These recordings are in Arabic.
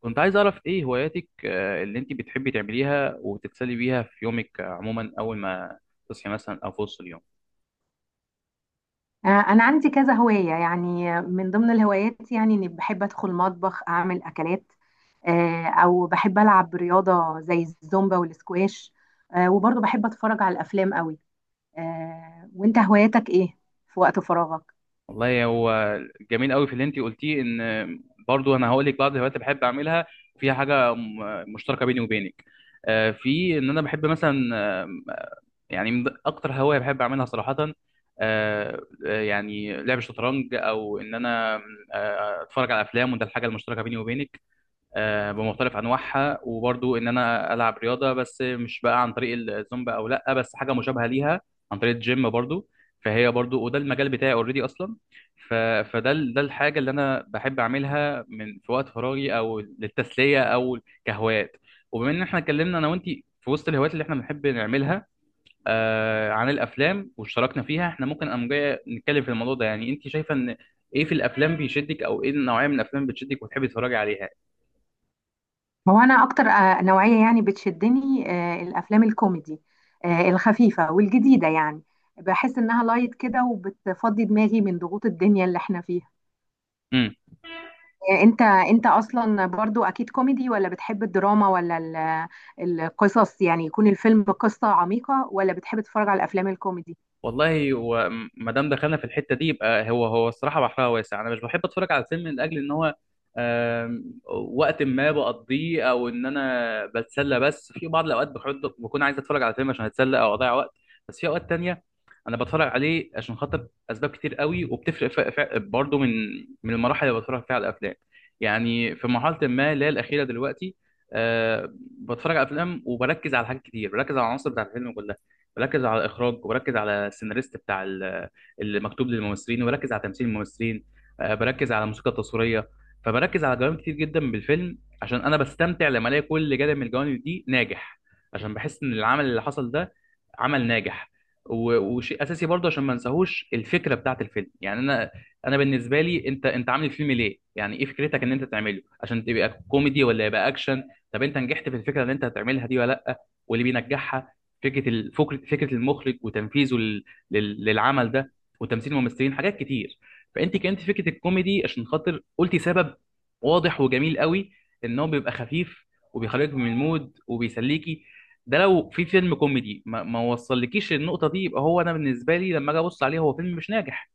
كنت عايز أعرف إيه هواياتك اللي أنت بتحبي تعمليها وتتسلي بيها في يومك عموما أول ما تصحي مثلا أو في وسط اليوم. أنا عندي كذا هواية، يعني من ضمن الهوايات يعني إني بحب أدخل مطبخ أعمل أكلات. أو بحب ألعب رياضة زي الزومبا والسكواش. وبرضه بحب أتفرج على الأفلام قوي. وأنت هواياتك إيه في وقت فراغك؟ والله هو جميل قوي في اللي أنت قلتيه إن برضو أنا هقول لك بعض الهوايات اللي بحب أعملها فيها حاجة مشتركة بيني وبينك، في إن أنا بحب مثلا، يعني من أكتر هواية بحب أعملها صراحة آه، يعني لعب الشطرنج أو إن أنا أتفرج على أفلام، وده الحاجة المشتركة بيني وبينك، بمختلف انواعها. وبرضو ان انا العب رياضه، بس مش بقى عن طريق الزومبا او لا، بس حاجه مشابهه ليها عن طريق الجيم برضو، فهي برضو وده المجال بتاعي اوريدي اصلا. ف... فده ده الحاجه اللي انا بحب اعملها من في وقت فراغي او للتسليه او كهوايات. وبما ان احنا اتكلمنا انا وانت في وسط الهوايات اللي احنا بنحب نعملها آه، عن الافلام واشتركنا فيها، احنا ممكن قام جاي نتكلم في الموضوع ده. يعني انت شايفه ان ايه في الافلام بيشدك، او ايه النوعيه من الافلام بتشدك وتحبي تتفرجي عليها؟ هو أنا أكتر نوعية يعني بتشدني الأفلام الكوميدي، الخفيفة والجديدة يعني. بحس إنها لايت كده وبتفضي دماغي من ضغوط الدنيا اللي إحنا فيها. انت اصلا برضو اكيد كوميدي، ولا بتحب الدراما، ولا القصص؟ يعني يكون الفيلم قصة عميقة، ولا بتحب تتفرج على الافلام الكوميدي؟ والله، هو ما دام دخلنا في الحته دي، يبقى هو الصراحه بحرها واسع. انا مش بحب اتفرج على الفيلم لاجل ان هو، آم، وقت ما بقضيه او ان انا بتسلى، بس في بعض الاوقات بكون عايز اتفرج على فيلم عشان اتسلى او اضيع وقت. بس في اوقات تانية انا بتفرج عليه عشان خاطر اسباب كتير قوي وبتفرق، برضو من المراحل اللي بتفرج فيها على الافلام. يعني في مرحله ما اللي هي الاخيره دلوقتي، بتفرج على افلام وبركز على حاجات كتير، بركز على العناصر بتاعت الفيلم كلها، بركز على الاخراج وبركز على السيناريست بتاع اللي مكتوب للممثلين، وبركز على تمثيل الممثلين، بركز على الموسيقى التصويريه. فبركز على جوانب كتير جدا بالفيلم، عشان انا بستمتع لما الاقي كل جانب من الجوانب دي ناجح، عشان بحس ان العمل اللي حصل ده عمل ناجح. وشيء اساسي برضه، عشان ما انساهوش الفكره بتاعت الفيلم. يعني انا بالنسبه لي، انت عامل الفيلم ليه؟ يعني ايه فكرتك ان انت تعمله، عشان تبقى كوميدي ولا يبقى اكشن؟ طب انت نجحت في الفكره اللي انت هتعملها دي ولا لا؟ واللي بينجحها فكره الفكره فكره فكره المخرج وتنفيذه للعمل ده، وتمثيل الممثلين، حاجات كتير. فانت كانت فكره الكوميدي، عشان خاطر قلتي سبب واضح وجميل قوي، ان هو بيبقى خفيف وبيخرجك من المود وبيسليكي. ده لو في فيلم كوميدي ما وصلكيش النقطه دي، يبقى هو انا بالنسبه لي لما اجي ابص عليه هو فيلم مش ناجح،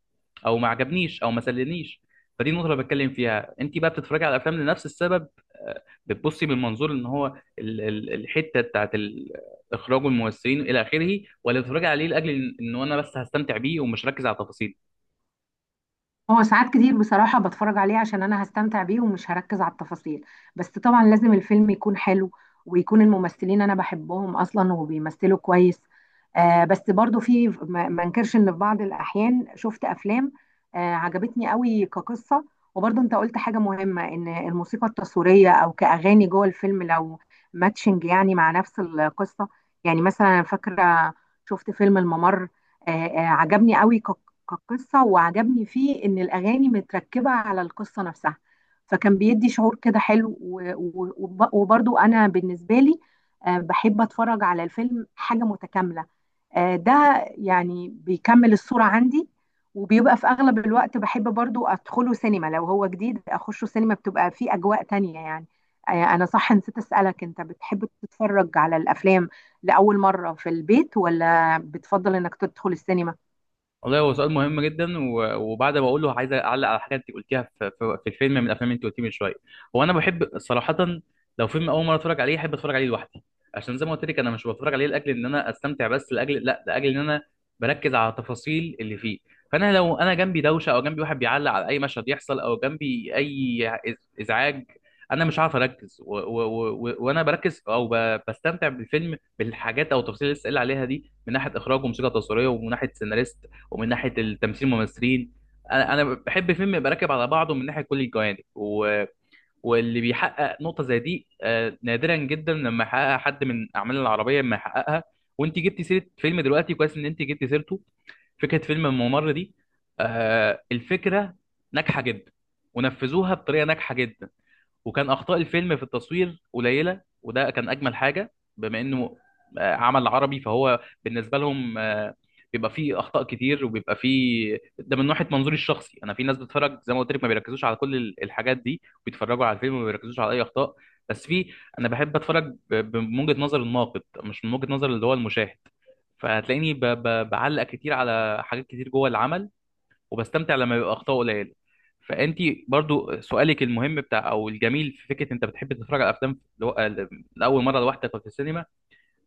او ما عجبنيش او ما سلنيش. فدي النقطه اللي بتكلم فيها. انت بقى بتتفرجي على الافلام لنفس السبب؟ بتبصي من منظور ان هو الحته بتاعت اخراج الممثلين الى اخره، ولا بتتفرجي عليه لاجل ان انا بس هستمتع بيه ومش ركز على التفاصيل؟ هو ساعات كتير بصراحة بتفرج عليه عشان أنا هستمتع بيه ومش هركز على التفاصيل. بس طبعا لازم الفيلم يكون حلو، ويكون الممثلين أنا بحبهم أصلا وبيمثلوا كويس. آه، بس برضو في ما انكرش إن في بعض الأحيان شفت أفلام آه عجبتني قوي كقصة. وبرضو أنت قلت حاجة مهمة، إن الموسيقى التصويرية أو كأغاني جوه الفيلم لو ماتشنج يعني مع نفس القصة. يعني مثلا أنا فاكرة شفت فيلم الممر، آه عجبني قوي كقصة، وعجبني فيه إن الأغاني متركبة على القصة نفسها. فكان بيدي شعور كده حلو و- و- وب- وبرضو أنا بالنسبة لي بحب أتفرج على الفيلم حاجة متكاملة. ده يعني بيكمل الصورة عندي. وبيبقى في أغلب الوقت بحب برضو أدخله سينما، لو هو جديد أخشه سينما، بتبقى فيه أجواء تانية يعني. أنا صح نسيت أسألك، أنت بتحب تتفرج على الأفلام لأول مرة في البيت، ولا بتفضل إنك تدخل السينما؟ والله، هو سؤال مهم جدا. وبعد ما اقوله عايز اعلق على حاجه انت قلتيها في في الفيلم من الافلام اللي انت قلتيه من شويه. هو انا بحب صراحه لو فيلم اول مره اتفرج عليه احب اتفرج عليه لوحدي، عشان زي ما قلت لك، انا مش بتفرج عليه لاجل ان انا استمتع بس، لاجل لا لاجل ان انا بركز على التفاصيل اللي فيه. فانا لو انا جنبي دوشه، او جنبي واحد بيعلق على اي مشهد يحصل، او جنبي اي ازعاج، انا مش عارف اركز. وانا بركز او بستمتع بالفيلم بالحاجات او التفاصيل اللي لسه قايل عليها دي، من ناحيه اخراج وموسيقى تصويريه، ومن ناحيه سيناريست، ومن ناحيه التمثيل الممثلين. انا بحب فيلم يبقى راكب على بعضه من ناحيه كل الجوانب، واللي بيحقق نقطه زي دي نادرا جدا لما يحققها حد. من اعمال العربيه لما يحققها، وانت جبتي سيره فيلم دلوقتي، كويس ان انت جبتي سيرته، فكره فيلم الممر دي، الفكره ناجحه جدا ونفذوها بطريقه ناجحه جدا. وكان اخطاء الفيلم في التصوير قليله، وده كان اجمل حاجه، بما انه عمل عربي، فهو بالنسبه لهم بيبقى فيه اخطاء كتير وبيبقى فيه ده، من ناحيه منظوري الشخصي انا. في ناس بتتفرج زي ما قلت لك ما بيركزوش على كل الحاجات دي، بيتفرجوا على الفيلم وما بيركزوش على اي اخطاء. بس في، انا بحب اتفرج من وجهه نظر الناقد، مش من وجهه نظر اللي هو المشاهد. فهتلاقيني بعلق كتير على حاجات كتير جوه العمل، وبستمتع لما بيبقى اخطاء قليله. فانت برضو سؤالك المهم بتاع او الجميل، في فكره انت بتحب تتفرج على افلام لاول مره لوحدك في السينما،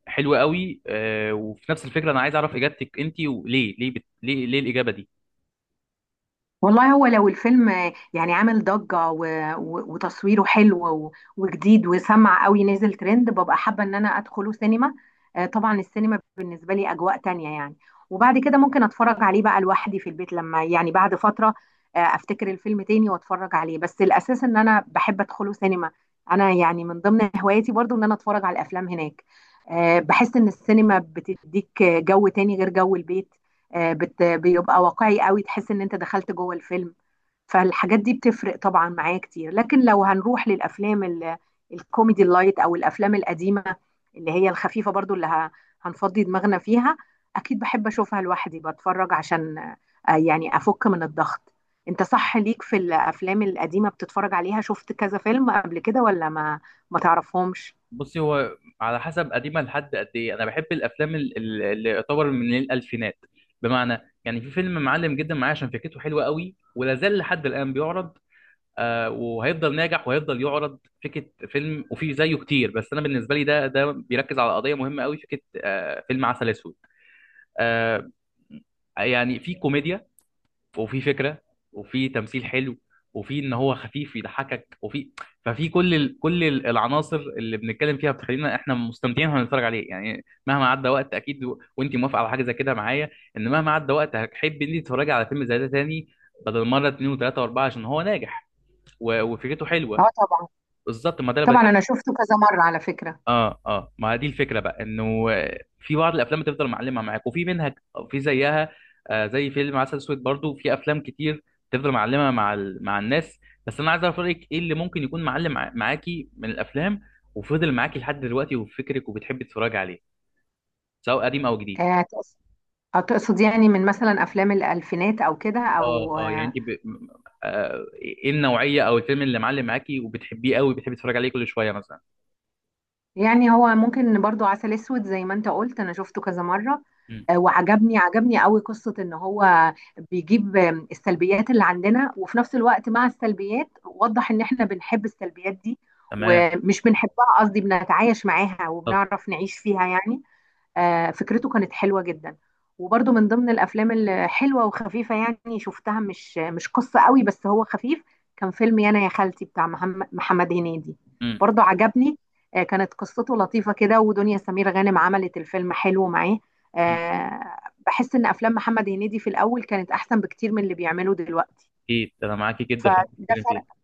حلو قوي، وفي نفس الفكره انا عايز اعرف اجابتك انت. وليه ليه بت... ليه ليه الاجابه دي؟ والله هو لو الفيلم يعني عامل ضجة و... و... وتصويره حلو وجديد وسمع قوي نزل ترند، ببقى حابة ان انا ادخله سينما. طبعا السينما بالنسبة لي اجواء تانية يعني. وبعد كده ممكن اتفرج عليه بقى لوحدي في البيت، لما يعني بعد فترة افتكر الفيلم تاني واتفرج عليه، بس الاساس ان انا بحب ادخله سينما. انا يعني من ضمن هواياتي برضو ان انا اتفرج على الافلام هناك. بحس ان السينما بتديك جو تاني غير جو البيت. بيبقى واقعي قوي، تحس ان انت دخلت جوه الفيلم. فالحاجات دي بتفرق طبعا معايا كتير. لكن لو هنروح الكوميدي اللايت، او الافلام القديمه اللي هي الخفيفه برضو، اللي هنفضي دماغنا فيها، اكيد بحب اشوفها لوحدي بتفرج، عشان يعني افك من الضغط. انت صح ليك في الافلام القديمه بتتفرج عليها؟ شفت كذا فيلم قبل كده، ولا ما تعرفهمش؟ بصي، هو على حسب قديمه لحد قد ايه. انا بحب الافلام اللي يعتبر من الالفينات. بمعنى يعني في فيلم معلم جدا معايا، عشان فكرته حلوه قوي، ولا زال لحد الان بيعرض، وهيفضل ناجح وهيفضل يعرض. فكره فيلم، وفي زيه كتير، بس انا بالنسبه لي ده بيركز على قضيه مهمه قوي، فكره فيلم عسل اسود. آه، يعني في كوميديا، وفي فكره، وفي تمثيل حلو، وفي ان هو خفيف يضحكك، وفي، كل العناصر اللي بنتكلم فيها، بتخلينا احنا مستمتعين واحنا بنتفرج عليه. يعني مهما عدى وقت، اكيد وانت موافقه على حاجه زي كده معايا، ان مهما عدى وقت هتحبي ان انت تتفرجي على فيلم زي ده تاني، بدل مره اتنين وتلاته واربعه، عشان هو ناجح وفكرته حلوه. اه طبعا. بالظبط، ما ده اللي طبعا بتكلم. انا شفته كذا مره على فكره. اه اه، ما دي الفكره بقى، انه في بعض الافلام بتفضل معلمه معاك، وفي منها في زيها آه، زي فيلم عسل اسود. برضو في افلام كتير تفضل معلمه مع مع الناس. بس انا عايز اعرف رايك، ايه اللي ممكن يكون معلم معاكي من الافلام، وفضل معاكي لحد دلوقتي وفي فكرك، وبتحبي تتفرجي عليه، سواء قديم او جديد؟ آه، هتقصد يعني من مثلا افلام الالفينات او كده، اه او اه، يعني آه، انت ب... م- آه ايه النوعيه او الفيلم اللي معلم معاكي وبتحبيه قوي، بتحبي تتفرجي عليه كل شويه مثلا؟ يعني هو ممكن برضو عسل اسود زي ما انت قلت، انا شفته كذا مره. مم. وعجبني قوي قصه ان هو بيجيب السلبيات اللي عندنا، وفي نفس الوقت مع السلبيات وضح ان احنا بنحب السلبيات دي، تمام. ومش بنحبها، قصدي بنتعايش معاها طب. وبنعرف نعيش فيها يعني. فكرته كانت حلوة جدا. وبرده من ضمن الأفلام الحلوة وخفيفة، يعني شفتها مش قصة قوي، بس هو خفيف، كان فيلم يانا يا خالتي بتاع محمد هنيدي. مم. برضه عجبني. كانت قصته لطيفة كده، ودنيا سمير غانم عملت الفيلم حلو معاه. مم. آه، بحس إن أفلام محمد هنيدي في الأول كانت أحسن بكتير من اللي بيعمله دلوقتي. اكيد انا معاكي جدا في اللي فده بتتكلم فيه.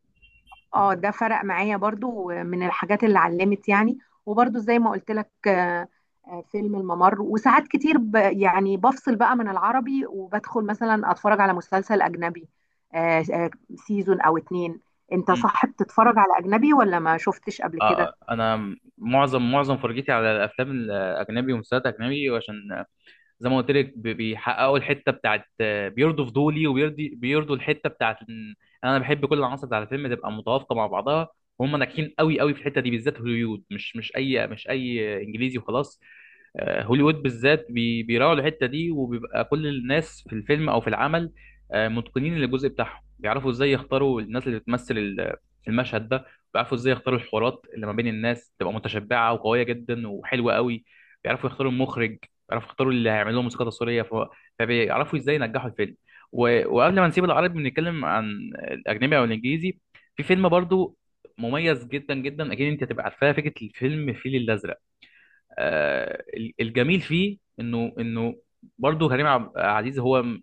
اه ده فرق معايا برضو من الحاجات اللي علمت يعني. وبرضو زي ما قلت لك، فيلم الممر. وساعات كتير ب يعني بفصل بقى من العربي، وبدخل مثلا اتفرج على مسلسل اجنبي، آه، آه، سيزون او اتنين. انت مم. صح بتتفرج على اجنبي، ولا ما شفتش قبل آه، كده؟ آه. انا معظم فرجتي على الافلام الاجنبي ومسلسلات اجنبي، عشان زي ما قلت لك بيحققوا الحته بتاعت، بيرضوا فضولي، بيرضوا الحته بتاعت إن انا بحب كل العناصر بتاع الفيلم تبقى متوافقه مع بعضها، وهم ناجحين قوي قوي في الحته دي. بالذات هوليوود، مش مش اي مش اي انجليزي وخلاص، هوليوود بالذات بيراعوا الحته دي، وبيبقى كل الناس في الفيلم او في العمل متقنين للجزء بتاعهم. بيعرفوا ازاي يختاروا الناس اللي بتمثل المشهد ده، بيعرفوا ازاي يختاروا الحوارات اللي ما بين الناس تبقى متشبعه وقويه جدا وحلوه قوي، بيعرفوا يختاروا المخرج، بيعرفوا يختاروا اللي هيعمل لهم موسيقى تصويريه. فبيعرفوا ازاي ينجحوا الفيلم. وقبل ما نسيب العربي بنتكلم عن الاجنبي او الانجليزي، في فيلم برضو مميز جدا جدا، اكيد انت هتبقى عارفاه، فكره الفيلم الفيل الازرق. آه، الجميل فيه انه برضه كريم عبد العزيز هو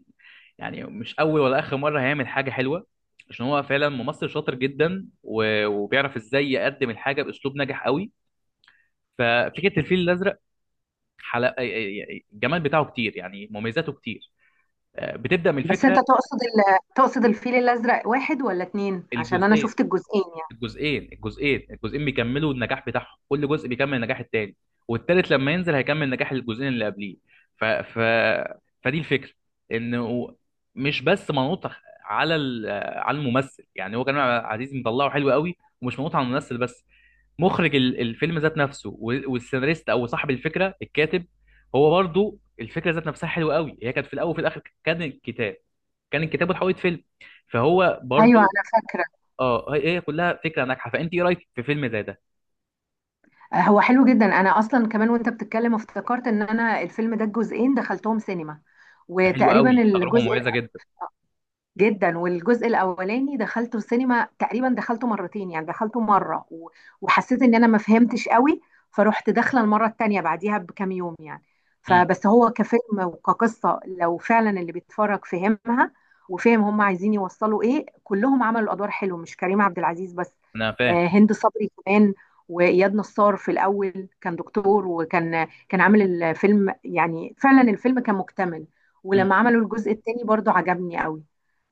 يعني مش اول ولا اخر مره هيعمل حاجه حلوه، عشان هو فعلا ممثل شاطر جدا. وبيعرف ازاي يقدم الحاجه باسلوب ناجح قوي. ففكره الفيل الازرق حلقه، الجمال بتاعه كتير، يعني مميزاته كتير، بتبدا من بس انت الفكره. تقصد الفيل الازرق واحد ولا اتنين؟ عشان انا الجزئيه، شفت الجزئين يعني. الجزئين بيكملوا النجاح بتاعهم، كل جزء بيكمل النجاح التاني، والتالت لما ينزل هيكمل نجاح الجزئين اللي قبليه. ف... ف... فدي الفكره، انه مش بس منوط على على الممثل. يعني هو كريم عبد العزيز مطلعه حلو قوي، ومش منوط على الممثل بس، مخرج الفيلم ذات نفسه، والسيناريست او صاحب الفكره الكاتب، هو برضو الفكره ذات نفسها حلوه قوي. هي كانت في الاول وفي الاخر كان الكتاب، وتحولت فيلم، فهو ايوه برضو. انا فاكره. اه، هي كلها فكره ناجحه. فانت ايه رايك في فيلم زي ده؟ هو حلو جدا. انا اصلا كمان وانت بتتكلم افتكرت ان انا الفيلم ده الجزئين دخلتهم سينما، ده حلو وتقريبا قوي، تجربه الجزء مميزه جدا. جدا. والجزء الاولاني دخلته السينما، تقريبا دخلته مرتين، يعني دخلته مره و- وحسيت ان انا ما فهمتش قوي، فروحت داخله المره التانيه بعديها بكام يوم يعني. امم. فبس هو كفيلم وكقصه، لو فعلا اللي بيتفرج فهمها وفهم هم عايزين يوصلوا ايه، كلهم عملوا ادوار حلوه، مش كريم عبد العزيز بس، انا فاهم. هند صبري كمان، واياد نصار في الاول كان دكتور، وكان عامل الفيلم، يعني فعلا الفيلم كان مكتمل. امم. ولما عملوا الجزء التاني برضو عجبني قوي.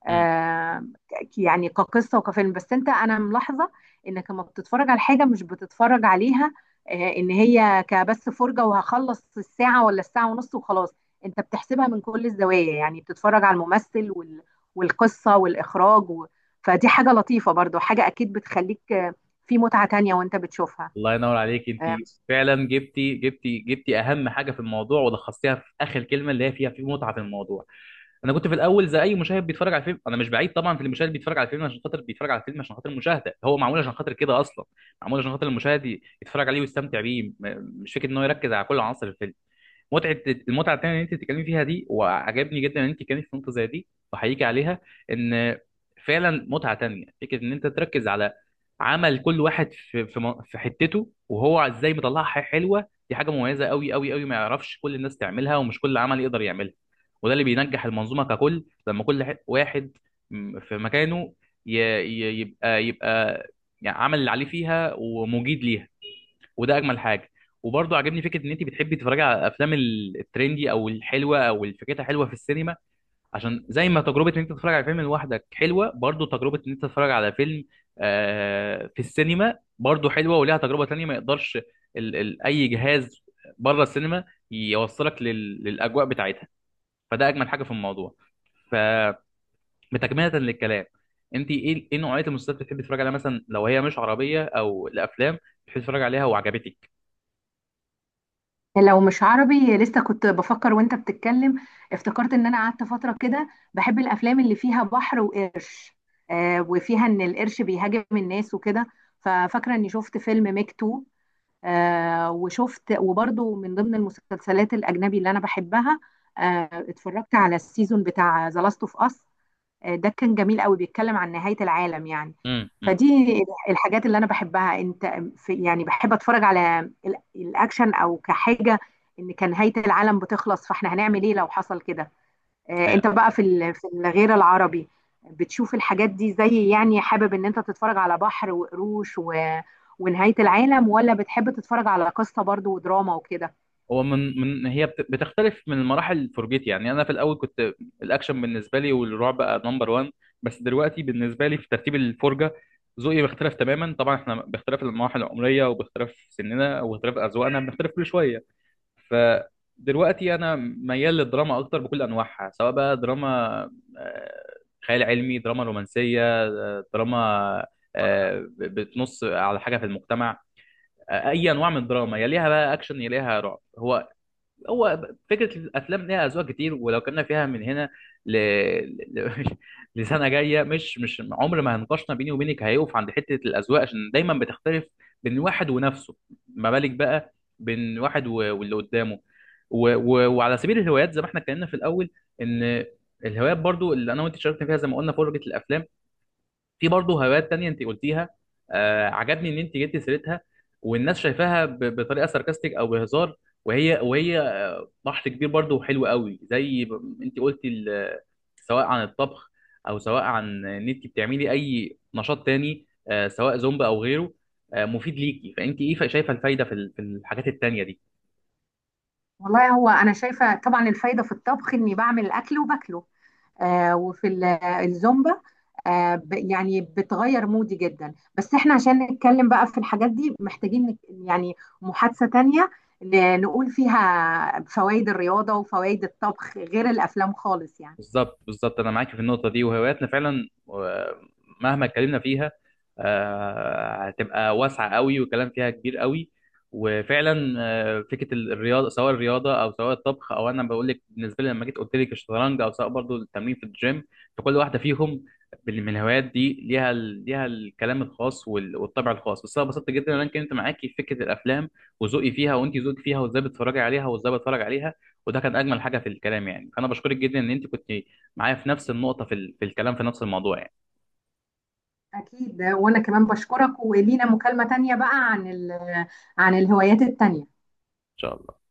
امم. يعني كقصة وكفيلم. بس انت، انا ملاحظة انك لما بتتفرج على حاجة مش بتتفرج عليها ان هي كبس فرجة وهخلص الساعة ولا الساعة ونص وخلاص، انت بتحسبها من كل الزوايا، يعني بتتفرج على الممثل والقصة والاخراج فدي حاجة لطيفة برضو، حاجة اكيد بتخليك في متعة تانية وانت بتشوفها. الله ينور عليك انت. آه، فعلا جبتي اهم حاجه في الموضوع، ولخصتيها في اخر كلمه اللي هي فيها، في متعه في الموضوع. انا كنت في الاول زي اي مشاهد بيتفرج على فيلم. انا مش بعيد طبعا في المشاهد بيتفرج على فيلم عشان خاطر، بيتفرج على فيلم عشان خاطر المشاهده، هو معمول عشان خاطر كده اصلا، معمول عشان خاطر المشاهد يتفرج عليه ويستمتع بيه، مش فكره ان هو يركز على كل عناصر الفيلم. متعه، المتعه التانيه اللي انت بتتكلمي فيها دي وعجبني جدا ان انت كانت في نقطه زي دي، وحقيقي عليها، ان فعلا متعه تانيه فكره ان انت تركز على عمل كل واحد في في حتته، وهو ازاي مطلعها حلوه. دي حاجه مميزه قوي قوي قوي، ما يعرفش كل الناس تعملها، ومش كل عمل يقدر يعملها. وده اللي بينجح المنظومه ككل، لما كل واحد في مكانه يبقى يعني عمل اللي عليه فيها ومجيد ليها. وده اجمل حاجه. وبرضه عاجبني فكره ان انت بتحبي تتفرجي على الافلام الترندي او الحلوه او اللي فكرتها حلوه في السينما، عشان زي ما تجربه ان انت تتفرج على فيلم لوحدك حلوه، برضه تجربه ان انت تتفرج على فيلم في السينما برضه حلوه، وليها تجربه تانية ما يقدرش ال ال اي جهاز بره السينما يوصلك للاجواء بتاعتها. فده اجمل حاجه في الموضوع. فبتكمله للكلام، انت ايه نوعيه المسلسلات اللي بتحبي تتفرجي عليها مثلا، لو هي مش عربيه، او الافلام بتحبي تتفرجي عليها وعجبتك؟ لو مش عربي، لسه كنت بفكر وانت بتتكلم، افتكرت ان انا قعدت فترة كده بحب الافلام اللي فيها بحر وقرش، آه، وفيها ان القرش بيهاجم الناس وكده. ففاكرة اني شفت فيلم ميك 2 آه، وشفت، وبرضو من ضمن المسلسلات الاجنبي اللي انا بحبها، آه اتفرجت على السيزون بتاع ذا لاست اوف اس. آه، ده كان جميل قوي، بيتكلم عن نهاية العالم يعني. امم. فدي الحاجات اللي انا بحبها. انت في يعني بحب اتفرج على الاكشن او كحاجة، ان كان نهاية العالم بتخلص فاحنا هنعمل ايه لو حصل كده؟ أيوة. انت بقى في في الغير العربي بتشوف الحاجات دي؟ زي يعني حابب ان انت تتفرج على بحر وقروش و... ونهاية العالم، ولا بتحب تتفرج على قصة برضو ودراما وكده؟ هو من هي بتختلف من المراحل فرجتي. يعني انا في الاول كنت الاكشن بالنسبه لي والرعب بقى نمبر 1، بس دلوقتي بالنسبه لي في ترتيب الفرجه ذوقي بيختلف تماما. طبعا احنا باختلاف المراحل العمريه وباختلاف سننا وباختلاف اذواقنا بنختلف كل شويه. فدلوقتي انا ميال للدراما اكتر بكل انواعها، سواء بقى دراما آه، خيال علمي، دراما رومانسيه، دراما بتنص على حاجه في المجتمع، اي انواع من الدراما، يليها بقى اكشن، يليها رعب. هو فكره الافلام ليها اذواق كتير، ولو كنا فيها من هنا ل... ل... لسنه جايه، مش مش عمر ما هنقاشنا بيني وبينك هيقف عند حته الاذواق، عشان دايما بتختلف بين واحد ونفسه، ما بالك بقى بين واحد واللي قدامه. وعلى سبيل الهوايات زي ما احنا اتكلمنا في الاول، ان الهوايات برضو اللي انا وانت شاركنا فيها، زي ما قلنا فرجه الافلام، في برضو هوايات تانية انت قلتيها، آه، عجبني ان انت جبتي سيرتها والناس شايفاها بطريقه ساركاستيك او بهزار، وهي بحر كبير برضه وحلو قوي، زي انت قلتي سواء عن الطبخ، او سواء عن ان انت بتعملي اي نشاط تاني، سواء زومبا او غيره، مفيد ليكي. فانت ايه شايفه الفايده في في الحاجات التانيه دي؟ والله هو انا شايفة طبعا الفايدة في الطبخ اني بعمل الاكل وباكله، وفي الزومبا يعني بتغير مودي جدا. بس احنا عشان نتكلم بقى في الحاجات دي محتاجين يعني محادثة تانية نقول فيها فوائد الرياضة وفوائد الطبخ غير الأفلام خالص يعني. بالظبط، انا معاك في النقطه دي. وهواياتنا فعلا مهما اتكلمنا فيها هتبقى واسعه قوي، والكلام فيها كبير قوي. وفعلا فكره الرياضه، سواء الرياضه او سواء الطبخ، او انا بقول لك بالنسبه لي لما جيت قلت لك الشطرنج، او سواء برضو التمرين في الجيم، فكل واحده فيهم من الهوايات دي ليها ليها الكلام الخاص والطبع الخاص. بس انا اتبسطت جدا ان انا اتكلمت معاكي في فكره الافلام وذوقي فيها، وانت ذوقك فيها، وازاي بتتفرجي عليها وازاي بتفرج عليها. وده كان اجمل حاجه في الكلام يعني. فانا بشكرك جدا ان انت كنت معايا في نفس النقطه في في الكلام في نفس الموضوع يعني. أكيد، وأنا كمان بشكرك، ولينا مكالمة تانية بقى عن عن الهوايات التانية. ان شاء الله.